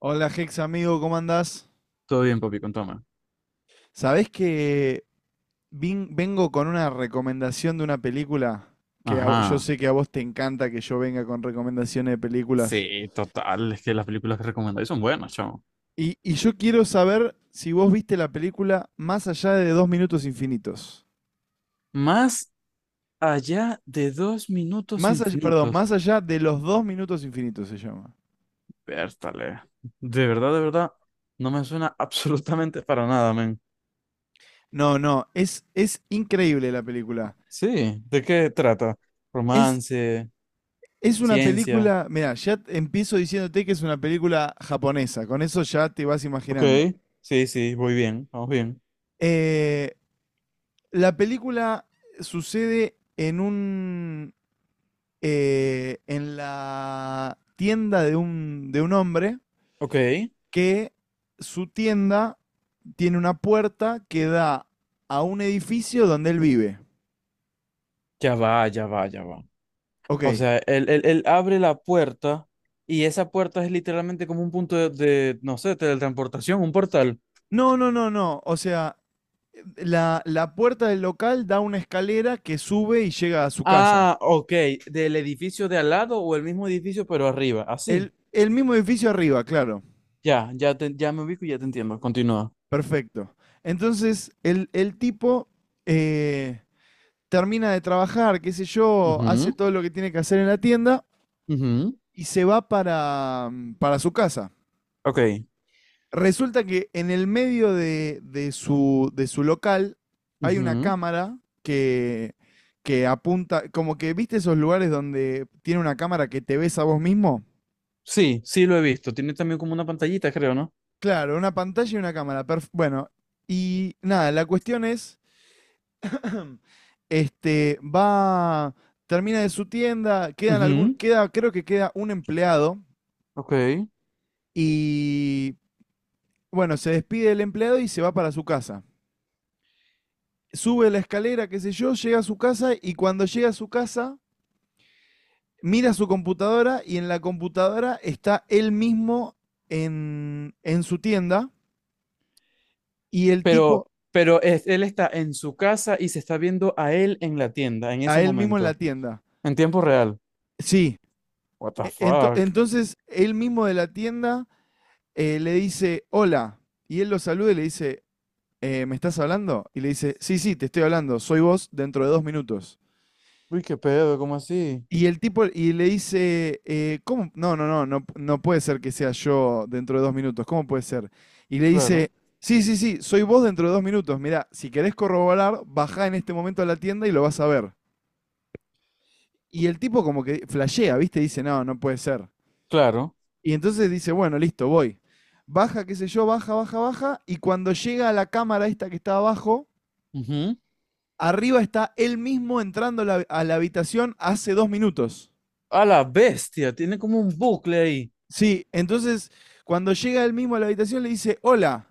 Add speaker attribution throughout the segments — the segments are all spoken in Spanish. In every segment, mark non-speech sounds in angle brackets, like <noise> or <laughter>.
Speaker 1: Hola Hex amigo, ¿cómo andás?
Speaker 2: Todo bien, papi, contame.
Speaker 1: Sabés que vengo con una recomendación de una película que a yo
Speaker 2: Ajá.
Speaker 1: sé que a vos te encanta que yo venga con recomendaciones de películas.
Speaker 2: Sí, total. Es que las películas que recomendáis son buenas, chamo.
Speaker 1: Y yo quiero saber si vos viste la película Más allá de 2 minutos infinitos.
Speaker 2: Más allá de dos minutos
Speaker 1: Más allá, perdón,
Speaker 2: infinitos.
Speaker 1: Más allá de los 2 minutos infinitos se llama.
Speaker 2: Pértale. De verdad, no me suena <laughs> absolutamente para nada, men.
Speaker 1: No, no, es increíble la película.
Speaker 2: Sí, ¿de qué trata?
Speaker 1: Es,
Speaker 2: Romance,
Speaker 1: es una
Speaker 2: ciencia.
Speaker 1: película, mira, ya empiezo diciéndote que es una película japonesa, con eso ya te vas
Speaker 2: Ok,
Speaker 1: imaginando.
Speaker 2: sí, sí, voy bien, vamos bien.
Speaker 1: Eh, la película sucede en un en la tienda de un hombre
Speaker 2: Ok,
Speaker 1: que su tienda tiene una puerta que da a un edificio donde él vive.
Speaker 2: ya va, ya va, ya va. O
Speaker 1: Ok.
Speaker 2: sea, él abre la puerta y esa puerta es literalmente como un punto de, no sé, teletransportación, un portal.
Speaker 1: No, no, no, no. O sea, la puerta del local da una escalera que sube y llega a su casa.
Speaker 2: Ah, ok, del edificio de al lado o el mismo edificio pero arriba, así.
Speaker 1: El mismo edificio arriba, claro.
Speaker 2: Ya, ya, ya me ubico y ya te entiendo, continúa.
Speaker 1: Perfecto. Entonces, el tipo eh, termina de trabajar, qué sé yo, hace
Speaker 2: Ujú,
Speaker 1: todo lo que tiene que hacer en la tienda
Speaker 2: ujú,
Speaker 1: y se va para su casa.
Speaker 2: ok.
Speaker 1: Resulta que en el medio de su local hay una
Speaker 2: Ujú.
Speaker 1: cámara que, que apunta, como que viste esos lugares donde tiene una cámara que te ves a vos mismo.
Speaker 2: Sí, sí lo he visto. Tiene también como una pantallita, creo, ¿no?
Speaker 1: Claro, una pantalla y una cámara. Bueno, y nada, la cuestión es, <clears throat> este, va, termina de su tienda, quedan algún,
Speaker 2: Ujú,
Speaker 1: queda, creo que queda un empleado.
Speaker 2: ok.
Speaker 1: Y bueno, se despide el empleado y se va para su casa. Sube la escalera, qué sé yo, llega a su casa y cuando llega a su casa, mira su computadora y en la computadora está él mismo en su tienda y el tipo
Speaker 2: Pero, él está en su casa y se está viendo a él en la tienda en
Speaker 1: a
Speaker 2: ese
Speaker 1: él mismo en la
Speaker 2: momento,
Speaker 1: tienda.
Speaker 2: en tiempo real.
Speaker 1: Sí.
Speaker 2: What the
Speaker 1: E- ento-
Speaker 2: fuck?
Speaker 1: entonces, él mismo de la tienda le dice, hola. Y él lo saluda y le dice, ¿Me estás hablando?". Y le dice, sí, sí, te estoy hablando, soy vos dentro de 2 minutos.
Speaker 2: Uy, qué pedo, ¿cómo así?
Speaker 1: Y el tipo, y le dice, ¿cómo? No, no, no, no, no puede ser que sea yo dentro de 2 minutos, ¿cómo puede ser? Y le dice,
Speaker 2: Claro,
Speaker 1: sí, sí, sí, soy vos dentro de 2 minutos, mirá, si querés corroborar, bajá en este momento a la tienda y lo vas a ver. Y el tipo como que flashea, ¿viste? Dice, no, no puede ser.
Speaker 2: claro.
Speaker 1: Y entonces dice, bueno, listo, voy. Baja, qué sé yo, baja, baja, baja, y cuando llega a la cámara esta que está abajo,
Speaker 2: Ujú.
Speaker 1: arriba está él mismo entrando a la habitación hace 2 minutos.
Speaker 2: A la bestia, tiene como un bucle ahí.
Speaker 1: Sí, entonces cuando llega él mismo a la habitación le dice, hola.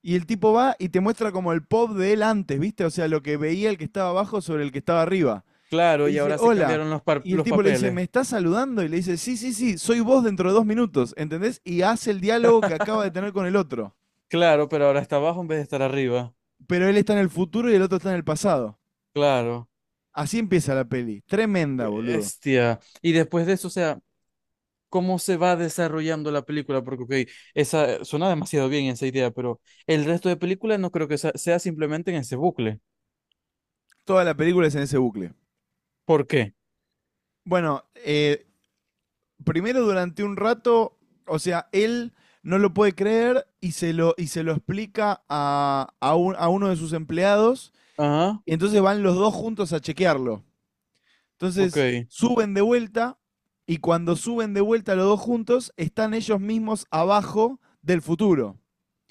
Speaker 1: Y el tipo va y te muestra como el pop de él antes, ¿viste? O sea, lo que veía el que estaba abajo sobre el que estaba arriba.
Speaker 2: Claro,
Speaker 1: Le
Speaker 2: y
Speaker 1: dice,
Speaker 2: ahora se
Speaker 1: hola.
Speaker 2: cambiaron los,
Speaker 1: Y el
Speaker 2: los
Speaker 1: tipo le dice, ¿me
Speaker 2: papeles.
Speaker 1: estás saludando? Y le dice, sí, sí, sí, soy vos dentro de dos minutos, ¿entendés? Y hace el diálogo que acaba de tener con el otro.
Speaker 2: Claro, pero ahora está abajo en vez de estar arriba.
Speaker 1: Pero él está en el futuro y el otro está en el pasado.
Speaker 2: Claro,
Speaker 1: Así empieza la peli. Tremenda, boludo.
Speaker 2: bestia. Y después de eso, o sea, ¿cómo se va desarrollando la película? Porque, ok, esa suena demasiado bien esa idea, pero el resto de película no creo que sea simplemente en ese bucle.
Speaker 1: Toda la película es en ese bucle.
Speaker 2: ¿Por qué?
Speaker 1: Bueno, primero durante un rato, o sea, él no lo puede creer y se lo explica a uno de sus empleados.
Speaker 2: Ajá,
Speaker 1: Y entonces van los dos juntos a chequearlo.
Speaker 2: ok,
Speaker 1: Entonces suben de vuelta y cuando suben de vuelta los dos juntos, están ellos mismos abajo del futuro.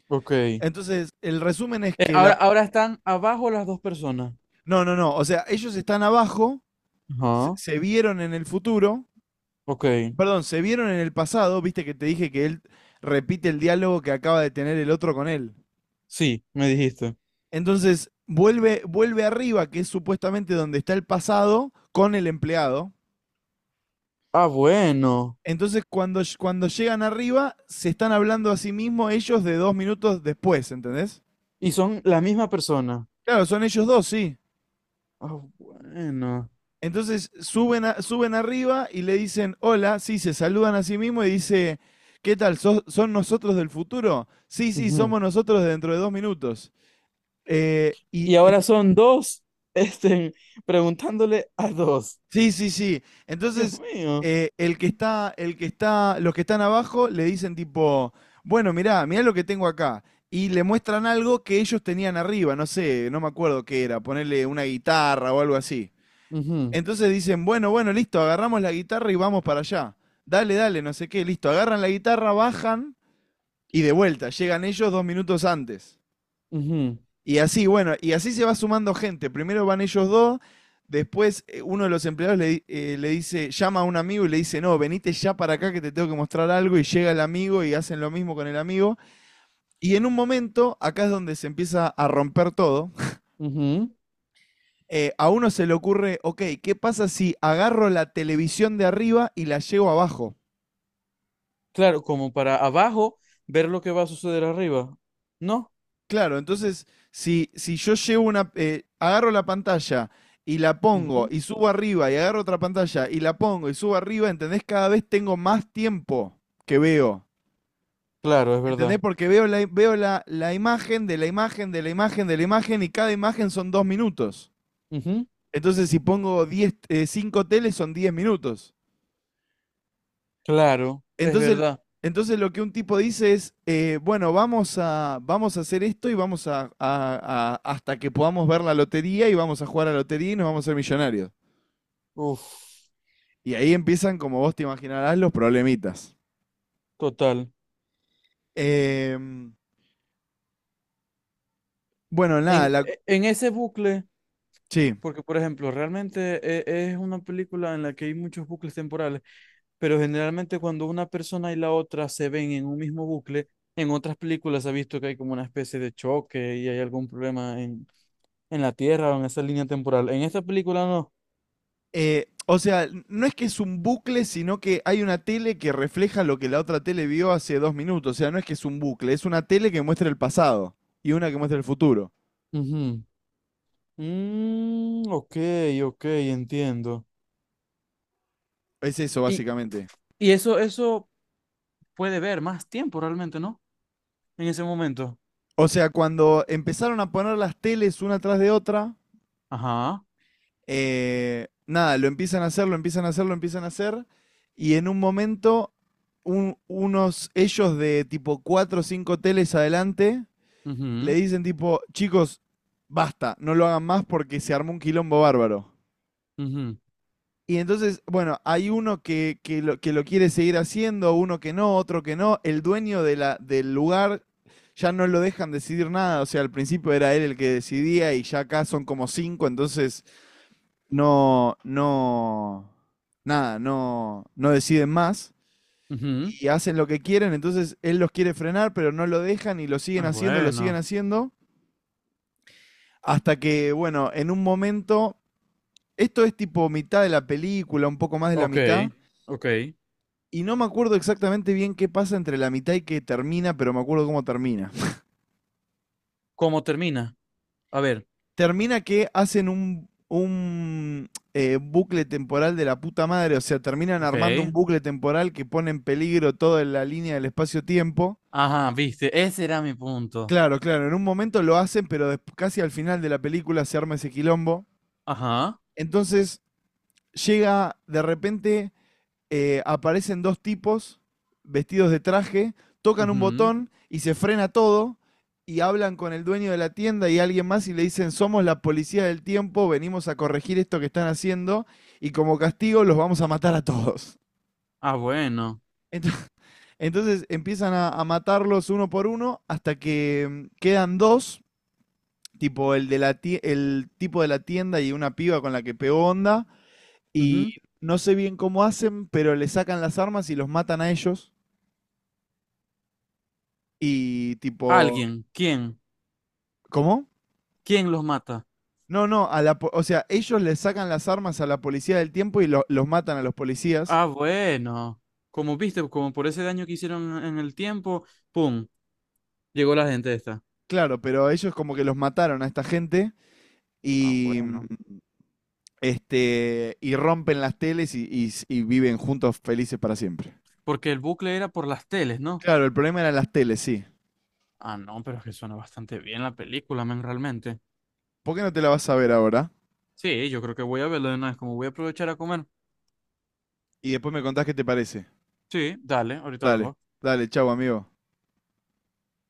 Speaker 2: ok.
Speaker 1: Entonces, el resumen es que la.
Speaker 2: Ahora, ahora están abajo las dos personas.
Speaker 1: No, no, no. O sea, ellos están abajo, se,
Speaker 2: Ajá,
Speaker 1: se vieron en el futuro.
Speaker 2: ok.
Speaker 1: Perdón, se vieron en el pasado, viste que te dije que él repite el diálogo que acaba de tener el otro con él.
Speaker 2: Sí, me dijiste.
Speaker 1: Entonces, vuelve, vuelve arriba, que es supuestamente donde está el pasado, con el empleado.
Speaker 2: Ah, bueno.
Speaker 1: Entonces, cuando, cuando llegan arriba, se están hablando a sí mismos ellos de 2 minutos después, ¿entendés?
Speaker 2: Y son la misma persona.
Speaker 1: Claro, son ellos dos, sí.
Speaker 2: Ah, bueno.
Speaker 1: Entonces, suben, suben arriba y le dicen, hola, sí, se saludan a sí mismos y dice, ¿qué tal? Son nosotros del futuro? Sí, sí,
Speaker 2: Ujú.
Speaker 1: somos nosotros dentro de 2 minutos. Eh, y,
Speaker 2: Y
Speaker 1: en-
Speaker 2: ahora son dos, <laughs> este, preguntándole a dos.
Speaker 1: sí, sí, sí.
Speaker 2: Dios
Speaker 1: Entonces,
Speaker 2: mío.
Speaker 1: los que están abajo le dicen tipo, bueno, mirá, mirá lo que tengo acá. Y le muestran algo que ellos tenían arriba, no sé, no me acuerdo qué era, ponerle una guitarra o algo así.
Speaker 2: Ujú,
Speaker 1: Entonces dicen, bueno, bueno, listo, agarramos la guitarra y vamos para allá. Dale, dale, no sé qué, listo. Agarran la guitarra, bajan y de vuelta, llegan ellos 2 minutos antes.
Speaker 2: ujú,
Speaker 1: Y así, bueno, y así se va sumando gente. Primero van ellos dos, después uno de los empleados le, le dice, llama a un amigo y le dice, no, venite ya para acá que te tengo que mostrar algo. Y llega el amigo y hacen lo mismo con el amigo. Y en un momento, acá es donde se empieza a romper todo.
Speaker 2: ujú.
Speaker 1: A uno se le ocurre, ok, ¿qué pasa si agarro la televisión de arriba y la llevo abajo?
Speaker 2: Claro, como para abajo ver lo que va a suceder arriba. ¿No?
Speaker 1: Claro, entonces, si yo llevo una, agarro la pantalla y la pongo
Speaker 2: Ujú.
Speaker 1: y subo arriba y agarro otra pantalla y la pongo y subo arriba, ¿entendés? Cada vez tengo más tiempo que veo.
Speaker 2: Claro, es
Speaker 1: ¿Entendés?
Speaker 2: verdad.
Speaker 1: Porque veo la imagen de la imagen de la imagen de la imagen y cada imagen son 2 minutos.
Speaker 2: Ujú.
Speaker 1: Entonces, si pongo 10 cinco teles son 10 minutos.
Speaker 2: Claro, es
Speaker 1: Entonces,
Speaker 2: verdad.
Speaker 1: entonces lo que un tipo dice es, bueno, vamos a hacer esto y vamos a- hasta que podamos ver la lotería y vamos a jugar a la lotería y nos vamos a ser millonarios.
Speaker 2: Uf,
Speaker 1: Y ahí empiezan, como vos te imaginarás, los problemitas.
Speaker 2: total.
Speaker 1: Em, bueno, nada, la,
Speaker 2: En ese bucle.
Speaker 1: sí.
Speaker 2: Porque, por ejemplo, realmente es una película en la que hay muchos bucles temporales, pero generalmente cuando una persona y la otra se ven en un mismo bucle, en otras películas se ha visto que hay como una especie de choque y hay algún problema en la Tierra o en esa línea temporal. En esta película no.
Speaker 1: O sea, no es que es un bucle, sino que hay una tele que refleja lo que la otra tele vio hace 2 minutos. O sea, no es que es un bucle, es una tele que muestra el pasado y una que muestra el futuro.
Speaker 2: Ujú. Mm, ok, ok, entiendo.
Speaker 1: Es eso,
Speaker 2: Y,
Speaker 1: básicamente.
Speaker 2: eso puede ver más tiempo realmente, ¿no? En ese momento.
Speaker 1: O sea, cuando empezaron a poner las teles una tras de otra,
Speaker 2: Ajá.
Speaker 1: nada, lo empiezan a hacer, lo empiezan a hacer, lo empiezan a hacer, y en un momento, unos ellos de tipo cuatro o cinco teles adelante le
Speaker 2: Mhm.
Speaker 1: dicen tipo, chicos, basta, no lo hagan más porque se armó un quilombo bárbaro.
Speaker 2: Mhm.
Speaker 1: Y entonces, bueno, hay uno que lo quiere seguir haciendo, uno que no, otro que no. El dueño de la, del lugar ya no lo dejan decidir nada. O sea, al principio era él el que decidía y ya acá son como cinco, entonces no, no, nada, no, no deciden más.
Speaker 2: Mhm.
Speaker 1: Y hacen lo que quieren, entonces él los quiere frenar, pero no lo dejan y lo
Speaker 2: Ah,
Speaker 1: siguen haciendo, lo siguen
Speaker 2: bueno.
Speaker 1: haciendo. Hasta que, bueno, en un momento, esto es tipo mitad de la película, un poco más de la
Speaker 2: Ok,
Speaker 1: mitad.
Speaker 2: ok.
Speaker 1: Y no me acuerdo exactamente bien qué pasa entre la mitad y que termina, pero me acuerdo cómo termina. <laughs>
Speaker 2: ¿Cómo termina? A ver,
Speaker 1: Termina que hacen un bucle temporal de la puta madre, o sea, terminan armando un
Speaker 2: ok.
Speaker 1: bucle temporal que pone en peligro toda la línea del espacio-tiempo.
Speaker 2: Ajá, viste, ese era mi punto.
Speaker 1: Claro, claro, en un momento lo hacen, pero casi al final de la película se arma ese quilombo.
Speaker 2: Ajá.
Speaker 1: Entonces llega de repente aparecen dos tipos vestidos de traje, tocan un
Speaker 2: Ujú.
Speaker 1: botón y se frena todo y hablan con el dueño de la tienda y alguien más y le dicen, somos la policía del tiempo, venimos a corregir esto que están haciendo y como castigo los vamos a matar a todos.
Speaker 2: Ah, bueno.
Speaker 1: <laughs> Ento- Entonces empiezan a matarlos uno por uno hasta que quedan dos, tipo el, de la el tipo de la tienda y una piba con la que pegó onda y
Speaker 2: Ujú.
Speaker 1: no sé bien cómo hacen, pero le sacan las armas y los matan a ellos. Y tipo,
Speaker 2: Alguien, ¿quién?
Speaker 1: ¿cómo?
Speaker 2: ¿Quién los mata?
Speaker 1: No, no, a la, o sea, ellos le sacan las armas a la policía del tiempo y los matan a los policías.
Speaker 2: Ah, bueno. Como viste, como por ese daño que hicieron en el tiempo, ¡pum! Llegó la gente esta.
Speaker 1: Claro, pero ellos como que los mataron a esta gente
Speaker 2: Ah,
Speaker 1: y
Speaker 2: bueno.
Speaker 1: este y rompen las teles y y viven juntos felices para siempre.
Speaker 2: Porque el bucle era por las teles, ¿no?
Speaker 1: Claro, el problema eran las teles, sí.
Speaker 2: Ah, no, pero es que suena bastante bien la película, men, realmente.
Speaker 1: ¿Por qué no te la vas a ver ahora?
Speaker 2: Sí, yo creo que voy a verlo de una vez, como voy a aprovechar a comer.
Speaker 1: Y después me contás qué te parece.
Speaker 2: Sí, dale, ahorita
Speaker 1: Dale,
Speaker 2: vengo.
Speaker 1: dale, chau, amigo.